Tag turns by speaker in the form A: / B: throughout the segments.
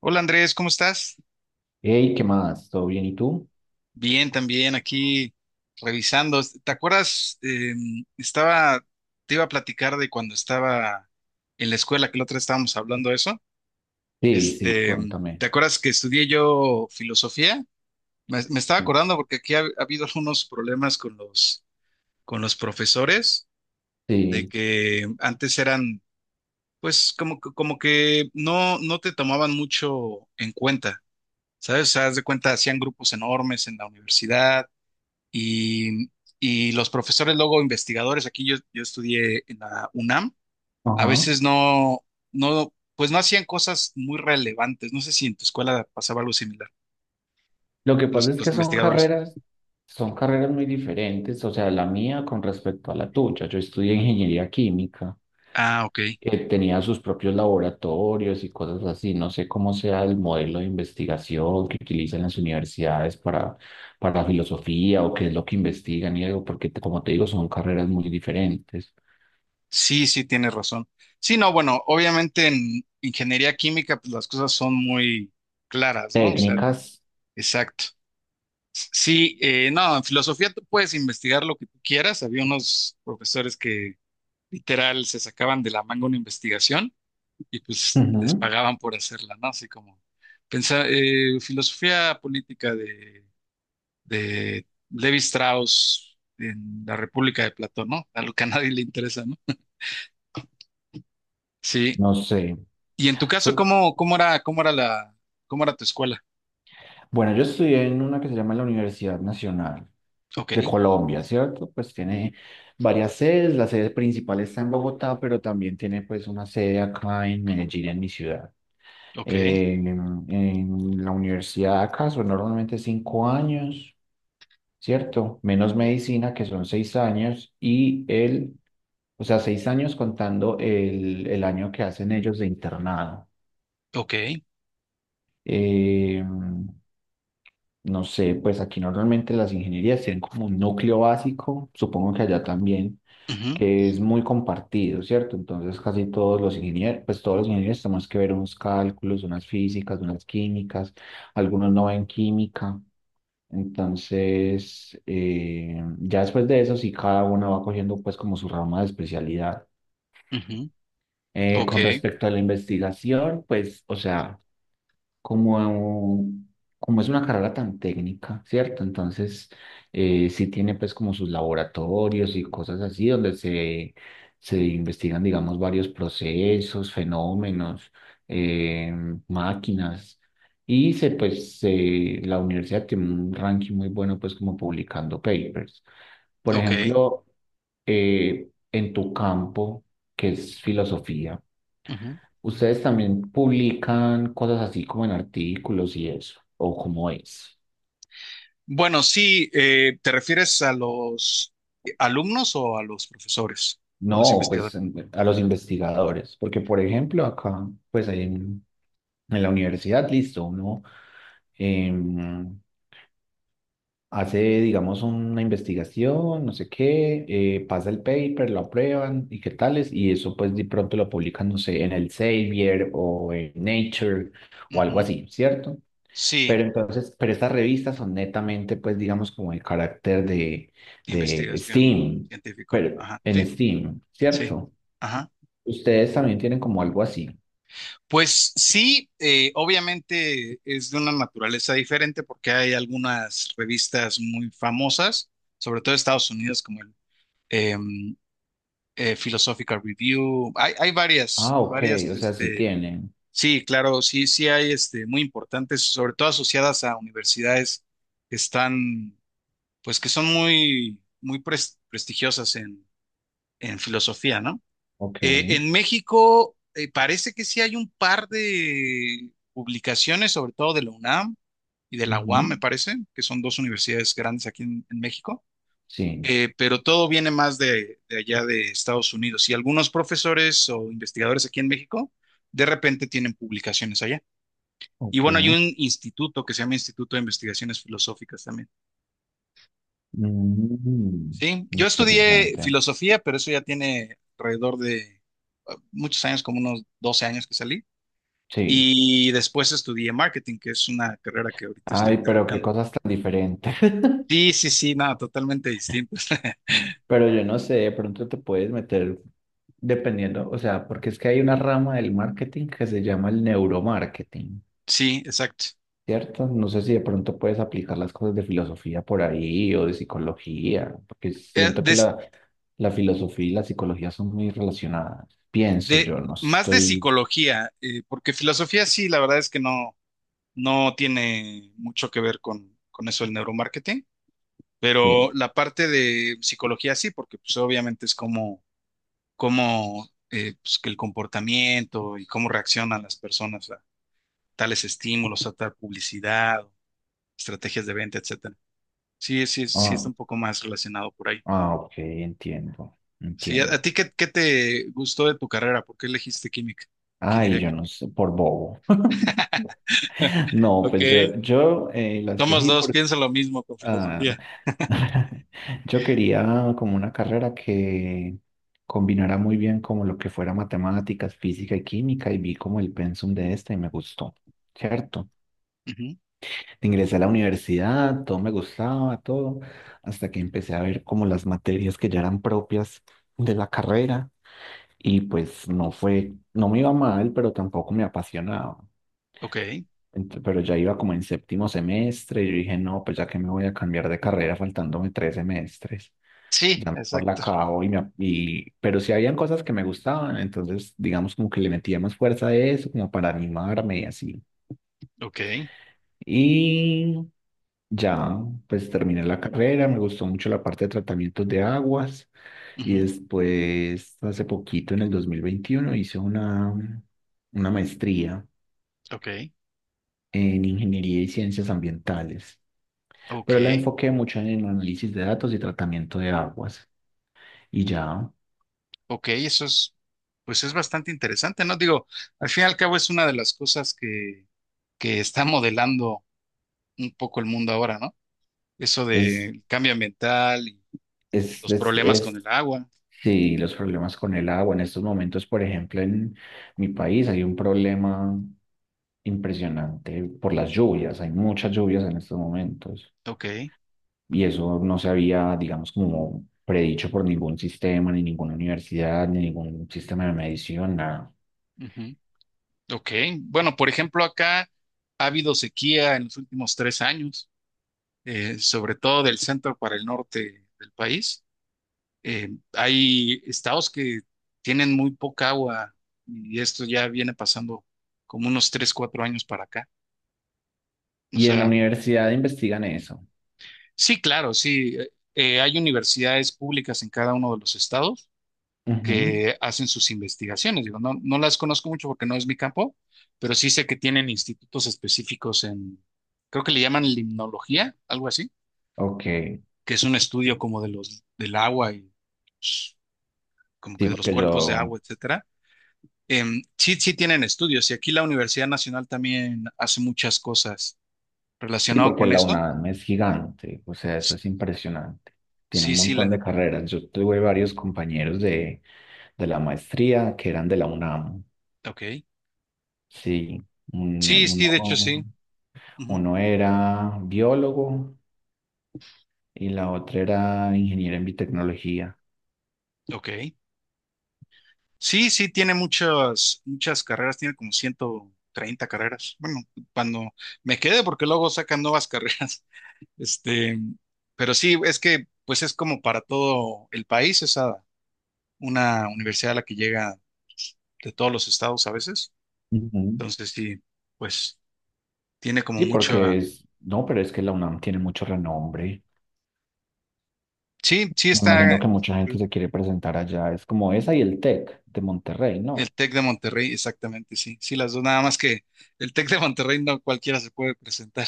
A: Hola Andrés, ¿cómo estás?
B: Hey, ¿qué más? ¿Todo bien? ¿Y tú?
A: Bien, también aquí revisando. ¿Te acuerdas? Estaba, Te iba a platicar de cuando estaba en la escuela, que la otra vez estábamos hablando de eso.
B: Sí, sí,
A: Este,
B: cuéntame.
A: ¿Te acuerdas que estudié yo filosofía? Me estaba acordando porque aquí ha habido algunos problemas con los, profesores, de
B: Sí,
A: que antes eran, pues, como que no te tomaban mucho en cuenta. ¿Sabes? O sea, haz de cuenta, hacían grupos enormes en la universidad. Y, y los profesores, luego investigadores, aquí yo estudié en la UNAM, a
B: ajá.
A: veces no, pues no hacían cosas muy relevantes. No sé si en tu escuela pasaba algo similar,
B: Lo que pasa es
A: los
B: que
A: investigadores.
B: son carreras muy diferentes, o sea, la mía con respecto a la tuya. Yo estudié ingeniería química,
A: Ah, ok.
B: tenía sus propios laboratorios y cosas así. No sé cómo sea el modelo de investigación que utilizan las universidades para filosofía o qué es lo que investigan y algo, porque como te digo, son carreras muy diferentes.
A: Sí, sí, tienes razón. Sí, no, bueno, obviamente en ingeniería química, pues las cosas son muy claras, ¿no? O sea,
B: Técnicas,
A: exacto. Sí, no, en filosofía tú puedes investigar lo que tú quieras. Había unos profesores que literal se sacaban de la manga una investigación y pues les
B: ujú,
A: pagaban por hacerla, ¿no? Así como pensar, filosofía política de, Levi Strauss en la República de Platón, ¿no? A lo que a nadie le interesa, ¿no? Sí.
B: no sé.
A: Y en tu caso,
B: So,
A: cómo era tu escuela?
B: bueno, yo estudié en una que se llama la Universidad Nacional
A: Ok,
B: de Colombia, ¿cierto? Pues tiene varias sedes, la sede principal está en Bogotá, pero también tiene pues una sede acá en Medellín, en mi ciudad.
A: ok,
B: En la universidad acá son normalmente cinco años, ¿cierto? Menos medicina, que son seis años, o sea, seis años contando el año que hacen ellos de internado.
A: ok,
B: Em, No sé, pues aquí normalmente las ingenierías tienen como un núcleo básico, supongo que allá también,
A: ujú,
B: que es muy compartido, ¿cierto? Entonces casi todos los ingenieros, pues todos los ingenieros tenemos que ver unos cálculos, unas físicas, unas químicas, algunos no ven química. Entonces, ya después de eso, sí, cada uno va cogiendo pues como su rama de especialidad.
A: ujú, ok,
B: Con respecto a la investigación, pues, o sea, como, como es una carrera tan técnica, ¿cierto? Entonces, sí tiene pues como sus laboratorios y cosas así donde se investigan, digamos, varios procesos, fenómenos, eh, máquinas. Y se, pues, la universidad tiene un ranking muy bueno, pues, como publicando papers. Por
A: ok,
B: ejemplo, en tu campo, que es filosofía,
A: ujú.
B: ¿ustedes también publican cosas así como en artículos y eso? ¿O cómo es?
A: Bueno, sí, ¿te refieres a los alumnos o a los profesores o a los
B: No, pues
A: investigadores?
B: a los investigadores, porque por ejemplo acá, en la universidad, listo, uno em, hace, digamos, una investigación, no sé qué, pasa el paper, lo aprueban y qué tales, y eso pues de pronto lo publican, no sé, en el Elsevier o en Nature o algo
A: Ujú.
B: así, ¿cierto? Pero
A: Sí.
B: entonces, pero estas revistas son netamente, pues, digamos, como el carácter de
A: Investigación
B: Steam,
A: científico.
B: pero
A: Ajá.
B: en
A: Sí,
B: Steam,
A: sí.
B: ¿cierto?
A: Ajá.
B: Ustedes también tienen como algo así.
A: Pues sí, obviamente es de una naturaleza diferente porque hay algunas revistas muy famosas, sobre todo de Estados Unidos, como el em, Philosophical Review. Hay varias,
B: Ah, ok, o sea, sí tienen.
A: sí, claro, sí, sí hay, muy importantes, sobre todo asociadas a universidades que están, pues que son muy, muy prestigiosas en, filosofía, ¿no?
B: Ok,
A: En México parece que sí hay un par de publicaciones, sobre todo de la UNAM y de la UAM,
B: ujú,
A: me parece, que son dos universidades grandes aquí en, México.
B: sí,
A: Pero todo viene más de, allá de Estados Unidos, y algunos profesores o investigadores aquí en México de repente tienen publicaciones allá. Y bueno, hay
B: ok.
A: un instituto que se llama Instituto de Investigaciones Filosóficas también.
B: Mm,
A: Sí, yo estudié
B: interesante.
A: filosofía, pero eso ya tiene alrededor de muchos años, como unos 12 años que salí.
B: Sí.
A: Y después estudié marketing, que es una carrera que ahorita estoy
B: Ay, pero qué
A: terminando.
B: cosas tan diferentes.
A: Sí, sí, sí, nada, totalmente distinto.
B: Pero yo no sé, de pronto te puedes meter dependiendo, o sea, porque es que hay una rama del marketing que se llama el neuromarketing.
A: Sí, exacto.
B: ¿Cierto? No sé si de pronto puedes aplicar las cosas de filosofía por ahí o de psicología, porque
A: Eh,
B: siento que
A: des-
B: la filosofía y la psicología son muy relacionadas. Pienso yo, no
A: Más de
B: estoy...
A: psicología, porque filosofía sí, la verdad es que no, no tiene mucho que ver con, eso del neuromarketing, pero
B: bien.
A: la parte de psicología sí, porque pues obviamente es que el comportamiento y cómo reaccionan las personas a tales estímulos, a tal publicidad, estrategias de venta, etc. Sí, sí, sí
B: Ah,
A: está un poco más relacionado por ahí.
B: ah, ok, entiendo,
A: Sí, a
B: entiendo.
A: ti qué te gustó de tu carrera? ¿Por qué elegiste química?
B: Ay,
A: Ingeniería
B: yo no
A: química.
B: sé, por bobo. No, pues
A: Ok.
B: yo, yo eh, la
A: Somos
B: escogí
A: dos,
B: porque
A: piensa lo mismo con
B: ah,
A: filosofía.
B: yo quería como una carrera que combinara muy bien como lo que fuera matemáticas, física y química y vi como el pensum de esta y me gustó, ¿cierto?
A: Ujú.
B: Ingresé a la universidad, todo me gustaba, todo, hasta que empecé a ver como las materias que ya eran propias de la carrera y pues no fue, no me iba mal, pero tampoco me apasionaba.
A: Ok.
B: Pero ya iba como en séptimo semestre y yo dije, no, pues ya que me voy a cambiar de carrera faltándome tres semestres,
A: Sí,
B: ya mejor la
A: exacto.
B: acabo y pero sí habían cosas que me gustaban, entonces digamos como que le metía más fuerza a eso, como para animarme y así.
A: Ok.
B: Y ya, pues terminé la carrera, me gustó mucho la parte de tratamientos de aguas y
A: Ujú.
B: después, hace poquito, en el 2021 hice una maestría
A: Ok.
B: en ingeniería y ciencias ambientales, pero la
A: Ok.
B: enfoqué mucho en análisis de datos y tratamiento de aguas. Y ya,
A: Ok. Eso es, pues es bastante interesante, ¿no? Digo, al fin y al cabo es una de las cosas que está modelando un poco el mundo ahora, ¿no? Eso
B: es,
A: del cambio ambiental y
B: es,
A: los
B: es,
A: problemas con el
B: es,
A: agua.
B: sí, los problemas con el agua. En estos momentos, por ejemplo, en mi país hay un problema impresionante por las lluvias. Hay muchas lluvias en estos momentos.
A: Ok.
B: Y eso no se había, digamos, como predicho por ningún sistema, ni ninguna universidad, ni ningún sistema de medición, nada.
A: Ujú. Ok, bueno, por ejemplo, acá ha habido sequía en los últimos 3 años, sobre todo del centro para el norte del país. Hay estados que tienen muy poca agua y esto ya viene pasando como unos 3, 4 años para acá. O
B: Y en la
A: sea,
B: universidad investigan eso.
A: sí, claro, sí, hay universidades públicas en cada uno de los estados
B: Ujú,
A: que hacen sus investigaciones. Digo, no las conozco mucho porque no es mi campo, pero sí sé que tienen institutos específicos en, creo que le llaman limnología, algo así,
B: ok,
A: que es un estudio como de los, del agua y pues, como
B: sí,
A: que de los
B: porque
A: cuerpos de
B: yo,
A: agua, etcétera. Sí, sí tienen estudios y aquí la Universidad Nacional también hace muchas cosas
B: sí,
A: relacionado
B: porque
A: con
B: la
A: esto.
B: UNAM es gigante, o sea, eso es impresionante. Tiene
A: Sí,
B: un
A: sí,
B: montón de carreras. Yo tuve varios compañeros de la maestría que eran de la UNAM.
A: ok.
B: Sí, un-
A: Sí, sí, de hecho
B: uno,
A: sí. Ujú.
B: uno era biólogo y la otra era ingeniera en biotecnología.
A: Ok. Sí, sí, tiene muchas, muchas carreras, tiene como 130 carreras. Bueno, cuando me quede, porque luego sacan nuevas carreras. Este, pero sí, es que pues es como para todo el país, es una universidad a la que llega de todos los estados a veces.
B: Ujú.
A: Entonces sí, pues tiene como
B: Sí,
A: mucho.
B: porque es, no, pero es que la UNAM tiene mucho renombre.
A: Sí, sí
B: Me imagino
A: está
B: que mucha gente
A: el,
B: se quiere presentar allá. Es como esa y el TEC de Monterrey,
A: el
B: ¿no?
A: TEC de Monterrey, exactamente, sí. Sí, las dos, nada más que el TEC de Monterrey no cualquiera se puede presentar.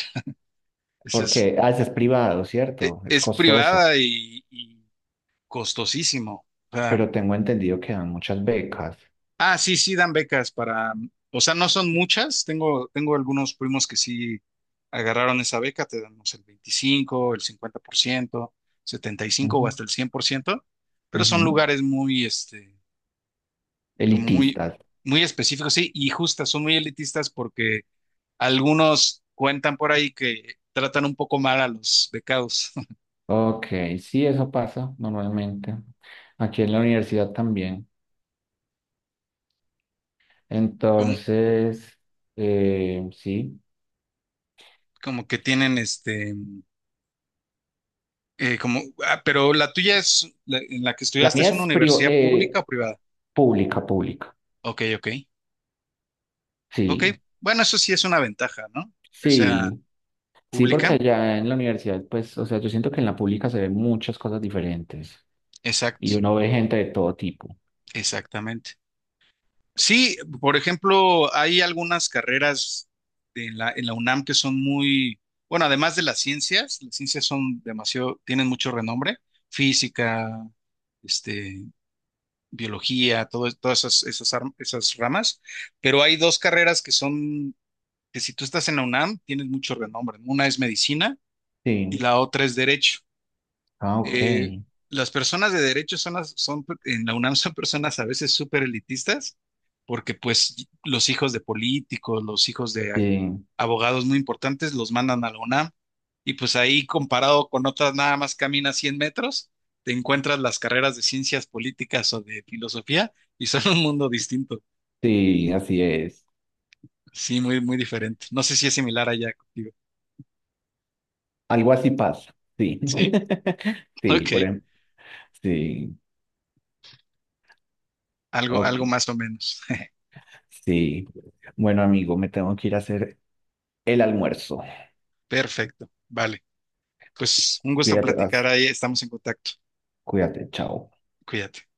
A: Ese es,
B: Porque, ah, ese es privado, ¿cierto? Es
A: es
B: costoso,
A: privada y costosísimo. O sea,
B: pero tengo entendido que dan muchas becas.
A: ah, sí, sí dan becas para, o sea, no son muchas. Tengo algunos primos que sí agarraron esa beca, te damos el 25, el 50%, 75 o
B: Ujú,
A: hasta el 100%, pero son
B: ujú.
A: lugares muy, como muy,
B: Elitistas.
A: muy específicos, sí, y justas, son muy elitistas porque algunos cuentan por ahí que tratan un poco mal a los becados.
B: Ok, sí, eso pasa normalmente. Aquí en la universidad también.
A: Como,
B: Entonces, sí.
A: como que tienen, como, ah, ¿pero la tuya es, en la que
B: La
A: estudiaste es
B: mía
A: una
B: es priva-
A: universidad pública
B: eh,
A: o privada?
B: pública, pública.
A: Ok, ok. Ok,
B: Sí,
A: bueno, eso sí es una ventaja, ¿no? Que sea
B: sí. Sí, porque
A: pública.
B: allá en la universidad, pues, o sea, yo siento que en la pública se ven muchas cosas diferentes y
A: Exacto,
B: uno ve gente de todo tipo.
A: exactamente. Sí, por ejemplo, hay algunas carreras en la, UNAM que son muy, bueno, además de las ciencias son demasiado, tienen mucho renombre, física, este, biología, todas esas, esas, esas ramas, pero hay dos carreras que son, que si tú estás en la UNAM, tienes mucho renombre, ¿no? Una es medicina y
B: Sí.
A: la otra es derecho.
B: Ah, ok.
A: Eh, las personas de derecho son, son en la UNAM, son personas a veces súper elitistas, porque pues los hijos de políticos, los hijos de
B: Sí,
A: abogados muy importantes los mandan a la UNAM, y pues ahí comparado con otras nada más caminas 100 metros, te encuentras las carreras de ciencias políticas o de filosofía y son un mundo distinto.
B: sí, así es.
A: Sí, muy, muy diferente. No sé si es similar allá contigo.
B: Algo así pasa. Sí.
A: Sí,
B: Sí,
A: ok.
B: por ejemplo. Sí,
A: Algo,
B: ok.
A: algo más o menos.
B: Sí. Bueno, amigo, me tengo que ir a hacer el almuerzo.
A: Perfecto. Vale. Pues un gusto
B: Cuídate,
A: platicar
B: vas.
A: ahí. Estamos en contacto.
B: Cuídate, chao.
A: Cuídate.